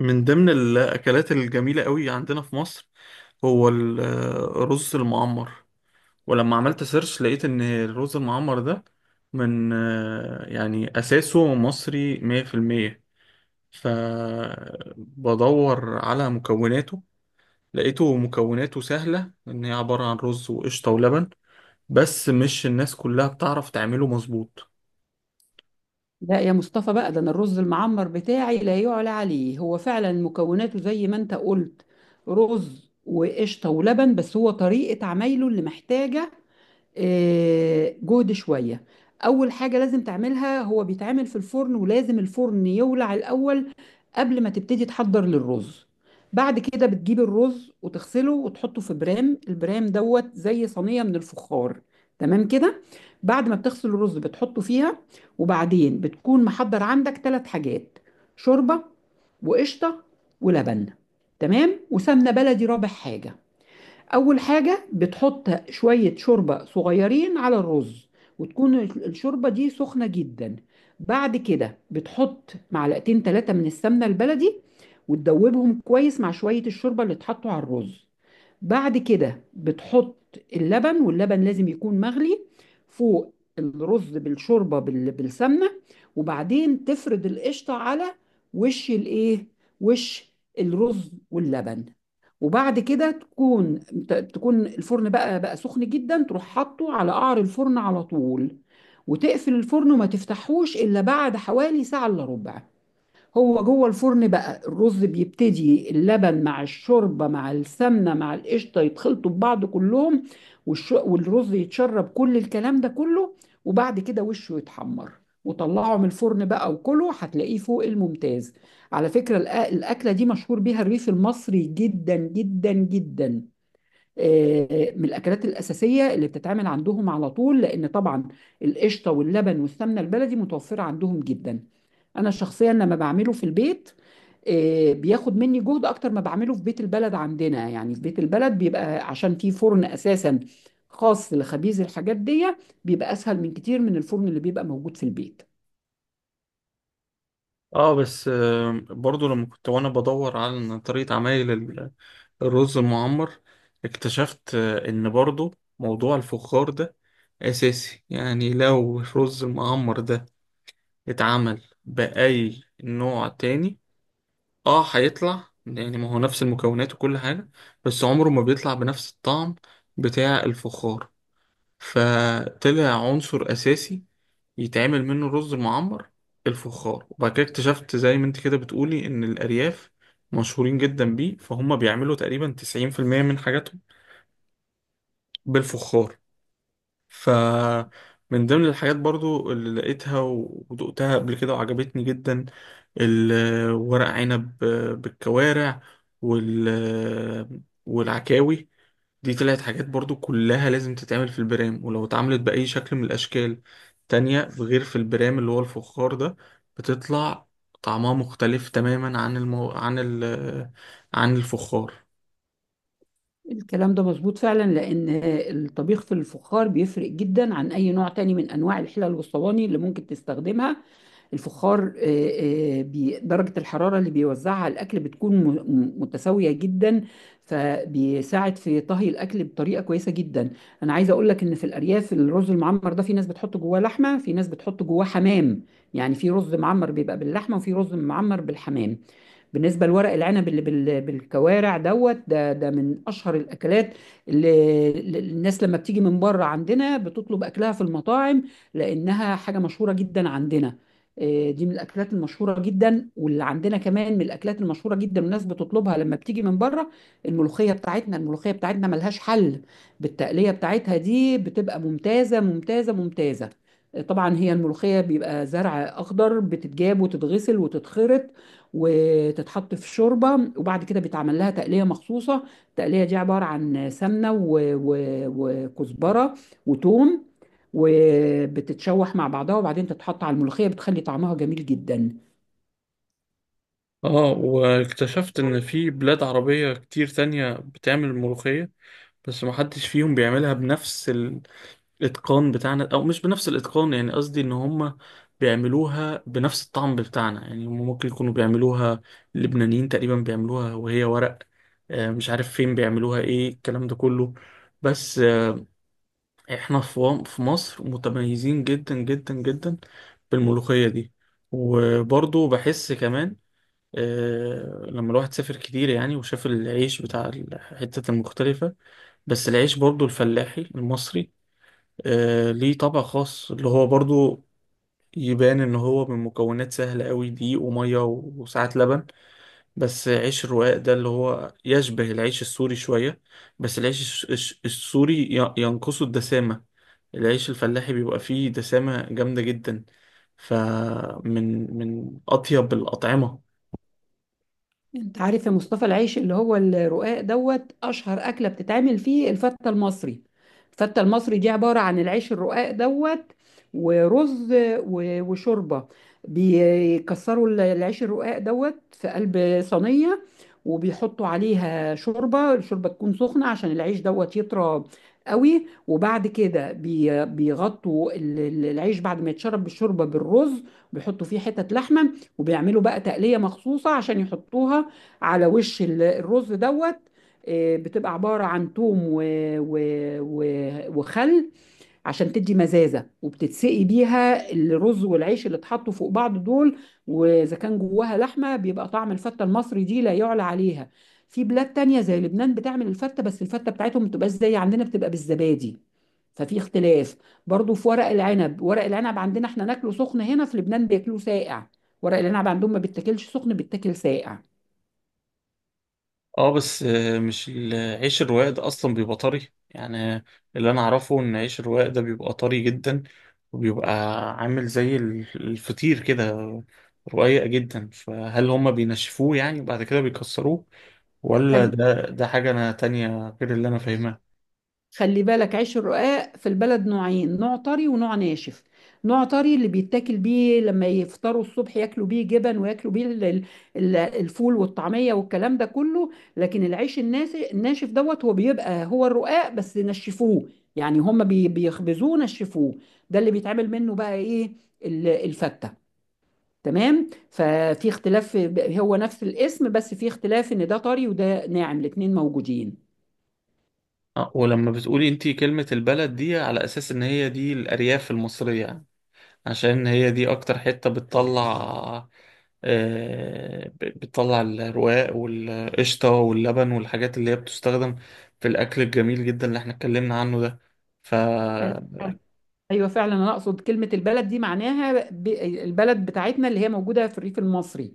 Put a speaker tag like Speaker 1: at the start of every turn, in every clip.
Speaker 1: من ضمن الأكلات الجميلة قوي عندنا في مصر هو الرز المعمر. ولما عملت سيرش لقيت إن الرز المعمر ده من أساسه مصري 100%. فبدور على مكوناته لقيته مكوناته سهلة، إن هي عبارة عن رز وقشطة ولبن، بس مش الناس كلها بتعرف تعمله مظبوط.
Speaker 2: لا يا مصطفى بقى، ده انا الرز المعمر بتاعي لا يعلى عليه. هو فعلا مكوناته زي ما انت قلت، رز وقشطه ولبن، بس هو طريقه عمايله اللي محتاجه جهد شوية. أول حاجة لازم تعملها، هو بيتعمل في الفرن ولازم الفرن يولع الأول قبل ما تبتدي تحضر للرز. بعد كده بتجيب الرز وتغسله وتحطه في برام. البرام دوت زي صينية من الفخار، تمام كده. بعد ما بتغسل الرز بتحطه فيها، وبعدين بتكون محضر عندك ثلاث حاجات: شوربة، وقشطة، ولبن، تمام، وسمنة بلدي رابع حاجة. أول حاجة بتحط شوية شوربة صغيرين على الرز، وتكون الشوربة دي سخنة جدا. بعد كده بتحط معلقتين ثلاثة من السمنة البلدي وتدوبهم كويس مع شوية الشوربة اللي اتحطوا على الرز. بعد كده بتحط اللبن، واللبن لازم يكون مغلي، فوق الرز بالشوربه بالسمنه. وبعدين تفرد القشطه على وش الايه وش الرز واللبن. وبعد كده تكون الفرن بقى سخن جدا، تروح حاطه على قعر الفرن على طول وتقفل الفرن وما تفتحوش الا بعد حوالي ساعه الا ربع. هو جوه الفرن بقى الرز بيبتدي، اللبن مع الشوربه مع السمنه مع القشطه يتخلطوا ببعض كلهم، والرز يتشرب كل الكلام ده كله. وبعد كده وشه يتحمر، وطلعه من الفرن بقى وكله هتلاقيه فوق الممتاز. على فكرة، الأكلة دي مشهور بيها الريف المصري جدا جدا جدا. من الاكلات الاساسيه اللي بتتعمل عندهم على طول، لان طبعا القشطه واللبن والسمنه البلدي متوفره عندهم جدا. انا شخصيا لما بعمله في البيت، بياخد مني جهد اكتر ما بعمله في بيت البلد عندنا. يعني في بيت البلد بيبقى عشان في فرن اساسا خاص لخبيز الحاجات دي، بيبقى اسهل من كتير من الفرن اللي بيبقى موجود في البيت.
Speaker 1: اه بس، برضو لما كنت وانا بدور على طريقة عمايل الرز المعمر، اكتشفت ان برضو موضوع الفخار ده اساسي. يعني لو الرز المعمر ده اتعمل بأي نوع تاني، اه هيطلع، يعني ما هو نفس المكونات وكل حاجة، بس عمره ما بيطلع بنفس الطعم بتاع الفخار. فطلع عنصر اساسي يتعمل منه الرز المعمر الفخار. وبعد كده اكتشفت زي ما انت كده بتقولي ان الارياف مشهورين جدا بيه، فهم بيعملوا تقريبا 90% من حاجاتهم بالفخار. ف من ضمن الحاجات برضو اللي لقيتها ودقتها قبل كده وعجبتني جدا الورق عنب بالكوارع وال والعكاوي. دي طلعت حاجات برضو كلها لازم تتعمل في البرام، ولو اتعملت بأي شكل من الأشكال تانية غير في البرام اللي هو الفخار ده، بتطلع طعمها مختلف تماما عن عن عن الفخار.
Speaker 2: الكلام ده مظبوط فعلا، لان الطبيخ في الفخار بيفرق جدا عن اي نوع تاني من انواع الحلل والصواني اللي ممكن تستخدمها. الفخار درجة الحرارة اللي بيوزعها على الأكل بتكون متساوية جدا، فبيساعد في طهي الأكل بطريقة كويسة جدا. أنا عايزة أقول لك إن في الأرياف الرز المعمر ده في ناس بتحط جواه لحمة، في ناس بتحط جواه حمام. يعني في رز معمر بيبقى باللحمة، وفي رز معمر بالحمام. بالنسبه لورق العنب اللي بالكوارع دوت، ده من اشهر الاكلات اللي الناس لما بتيجي من بره عندنا بتطلب اكلها في المطاعم، لانها حاجه مشهوره جدا عندنا. إيه، دي من الاكلات المشهوره جدا. واللي عندنا كمان من الاكلات المشهوره جدا والناس بتطلبها لما بتيجي من بره، الملوخيه بتاعتنا ملهاش حل، بالتقليه بتاعتها دي بتبقى ممتازه ممتازه ممتازه. طبعا هي الملوخيه بيبقى زرع اخضر بتتجاب وتتغسل وتتخرط وتتحط في شوربه، وبعد كده بيتعمل لها تقليه مخصوصه. التقليه دي عباره عن سمنه وكزبره وتوم، وبتتشوح مع بعضها وبعدين تتحط على الملوخيه، بتخلي طعمها جميل جدا.
Speaker 1: اه واكتشفت ان في بلاد عربية كتير تانية بتعمل ملوخية، بس محدش فيهم بيعملها بنفس الاتقان بتاعنا، او مش بنفس الاتقان، يعني قصدي ان هم بيعملوها بنفس الطعم بتاعنا. يعني هم ممكن يكونوا بيعملوها، اللبنانيين تقريبا بيعملوها وهي ورق، مش عارف فين بيعملوها ايه الكلام ده كله. بس، احنا في في مصر متميزين جدا جدا جدا بالملوخية دي. وبرضو بحس كمان، لما الواحد سافر كتير يعني وشاف العيش بتاع الحتة المختلفة، بس العيش برضو الفلاحي المصري آه ليه طبع خاص، اللي هو برضو يبان ان هو من مكونات سهلة قوي، دقيق ومية وساعات لبن. بس عيش الرقاق ده اللي هو يشبه العيش السوري شوية، بس العيش السوري ينقصه الدسامة. العيش الفلاحي بيبقى فيه دسامة جامدة جدا، فمن أطيب الأطعمة.
Speaker 2: انت عارف يا مصطفى، العيش اللي هو الرقاق دوت اشهر اكله بتتعمل فيه الفته المصري. الفته المصري دي عباره عن العيش الرقاق دوت، ورز، وشوربه. بيكسروا العيش الرقاق دوت في قلب صينيه، وبيحطوا عليها شوربه. الشوربه تكون سخنه عشان العيش دوت يطرى قوي. وبعد كده بيغطوا العيش بعد ما يتشرب بالشوربه بالرز، بيحطوا فيه حتت لحمه، وبيعملوا بقى تقليه مخصوصه عشان يحطوها على وش الرز دوت. بتبقى عبارة عن توم و... و... و... وخل، عشان تدي مزازة، وبتتسقي بيها الرز والعيش اللي اتحطوا فوق بعض دول. وإذا كان جواها لحمة بيبقى طعم الفتة المصري دي لا يعلى عليها. في بلاد تانية زي لبنان بتعمل الفتة، بس الفتة بتاعتهم ما بتبقاش زي عندنا، بتبقى بالزبادي، ففي اختلاف. برضو في ورق العنب عندنا احنا ناكله سخن. هنا في لبنان بياكلوه ساقع، ورق العنب عندهم ما بيتاكلش سخن، بيتاكل ساقع.
Speaker 1: اه بس، آه، مش ال- عيش الرواق ده اصلا بيبقى طري يعني. اللي انا اعرفه ان عيش الرواق ده بيبقى طري جدا، وبيبقى عامل زي الفطير كده، رقيق جدا. فهل هما بينشفوه يعني بعد كده بيكسروه، ولا ده حاجة انا تانية غير اللي انا فاهمها؟
Speaker 2: خلي بالك عيش الرقاق في البلد نوعين: نوع طري ونوع ناشف. نوع طري اللي بيتاكل بيه لما يفطروا الصبح، ياكلوا بيه جبن وياكلوا بيه الفول والطعمية والكلام ده كله. لكن العيش الناشف دوت هو بيبقى هو الرقاق بس نشفوه، يعني هم بيخبزوه نشفوه. ده اللي بيتعمل منه بقى ايه؟ الفتة. تمام، ففي اختلاف. هو نفس الاسم بس في اختلاف ان ده طري وده ناعم، الاتنين موجودين.
Speaker 1: ولما بتقولي انتي كلمة البلد دي على اساس ان هي دي الارياف المصرية، عشان هي دي اكتر حتة بتطلع، بتطلع الرواق والقشطة واللبن والحاجات اللي هي بتستخدم في الأكل الجميل جدا اللي احنا اتكلمنا عنه ده. فا
Speaker 2: ايوه فعلا، انا اقصد كلمه البلد دي معناها البلد بتاعتنا اللي هي موجوده في الريف المصري،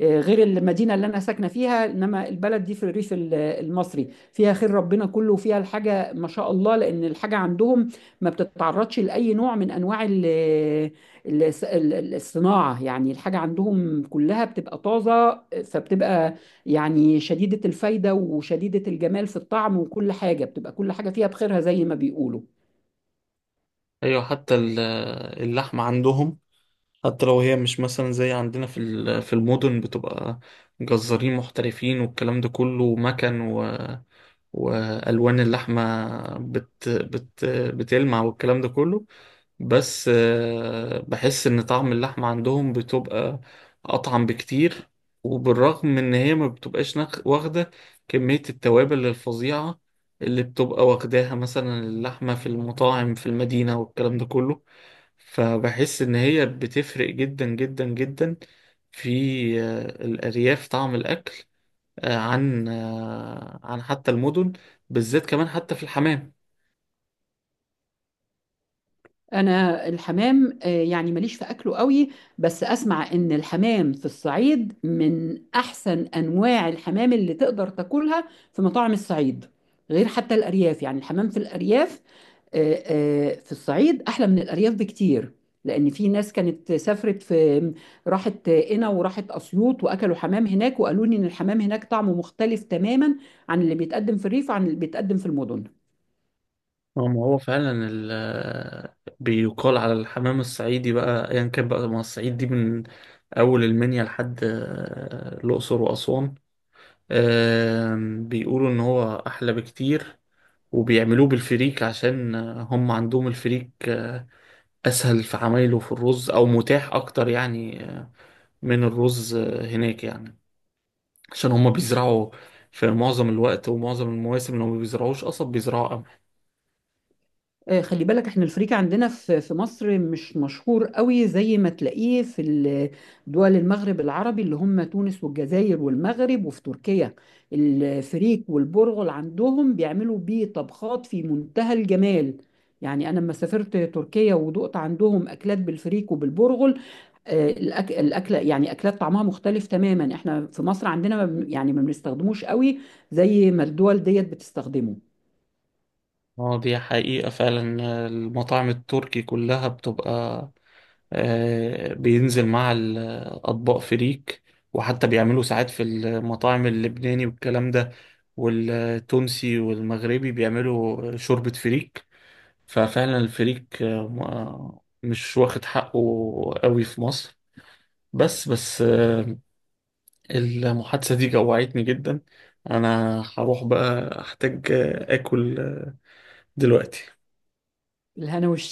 Speaker 2: غير المدينه اللي انا ساكنه فيها، انما البلد دي في الريف المصري. فيها خير ربنا كله، وفيها الحاجه ما شاء الله، لان الحاجه عندهم ما بتتعرضش لاي نوع من انواع الصناعه. يعني الحاجه عندهم كلها بتبقى طازه، فبتبقى يعني شديده الفايده وشديده الجمال في الطعم، وكل حاجه بتبقى كل حاجه فيها بخيرها زي ما بيقولوا.
Speaker 1: أيوة، حتى اللحمة عندهم، حتى لو هي مش مثلا زي عندنا في في المدن بتبقى جزارين محترفين والكلام ده كله مكن، والوان اللحمه بت بت بتلمع والكلام ده كله، بس، بحس ان طعم اللحمه عندهم بتبقى اطعم بكتير. وبالرغم من ان هي ما بتبقاش واخده كميه التوابل الفظيعه اللي بتبقى واخداها مثلا اللحمه في المطاعم في المدينه والكلام ده كله، فبحس ان هي بتفرق جدا جدا جدا في، الارياف طعم الاكل، عن حتى المدن، بالذات كمان حتى في الحمام.
Speaker 2: انا الحمام يعني ماليش في اكله قوي، بس اسمع ان الحمام في الصعيد من احسن انواع الحمام اللي تقدر تاكلها في مطاعم الصعيد، غير حتى الارياف. يعني الحمام في الارياف، في الصعيد احلى من الارياف بكتير، لان في ناس كانت سافرت راحت قنا وراحت اسيوط واكلوا حمام هناك، وقالوا لي ان الحمام هناك طعمه مختلف تماما عن اللي بيتقدم في الريف وعن اللي بيتقدم في المدن.
Speaker 1: ما هو فعلا بيقال على الحمام الصعيدي بقى ايا يعني، كان بقى ما الصعيد دي من اول المنيا لحد الاقصر واسوان. بيقولوا ان هو احلى بكتير، وبيعملوه بالفريك عشان هم عندهم الفريك اسهل في عمايله في الرز او متاح اكتر يعني، من الرز هناك يعني، عشان هم بيزرعوا في معظم الوقت ومعظم المواسم لو ما بيزرعوش قصب بيزرعوا قمح.
Speaker 2: خلي بالك احنا الفريكة عندنا في مصر مش مشهور قوي زي ما تلاقيه في دول المغرب العربي اللي هم تونس والجزائر والمغرب، وفي تركيا الفريك والبرغل عندهم بيعملوا بيه طبخات في منتهى الجمال. يعني انا لما سافرت تركيا ودقت عندهم اكلات بالفريك وبالبرغل، الأكلة يعني أكلات طعمها مختلف تماما. احنا في مصر عندنا ما بن- يعني ما بنستخدموش قوي زي ما الدول ديت بتستخدمه.
Speaker 1: اه دي حقيقة فعلا، المطاعم التركي كلها بتبقى، بينزل مع الأطباق فريك، وحتى بيعملوا ساعات في المطاعم اللبناني والكلام ده والتونسي والمغربي بيعملوا شوربة فريك. ففعلا الفريك، مش واخد حقه قوي في مصر. بس، المحادثة دي جوعتني جدا. أنا هروح بقى أحتاج آكل دلوقتي.
Speaker 2: الهنا.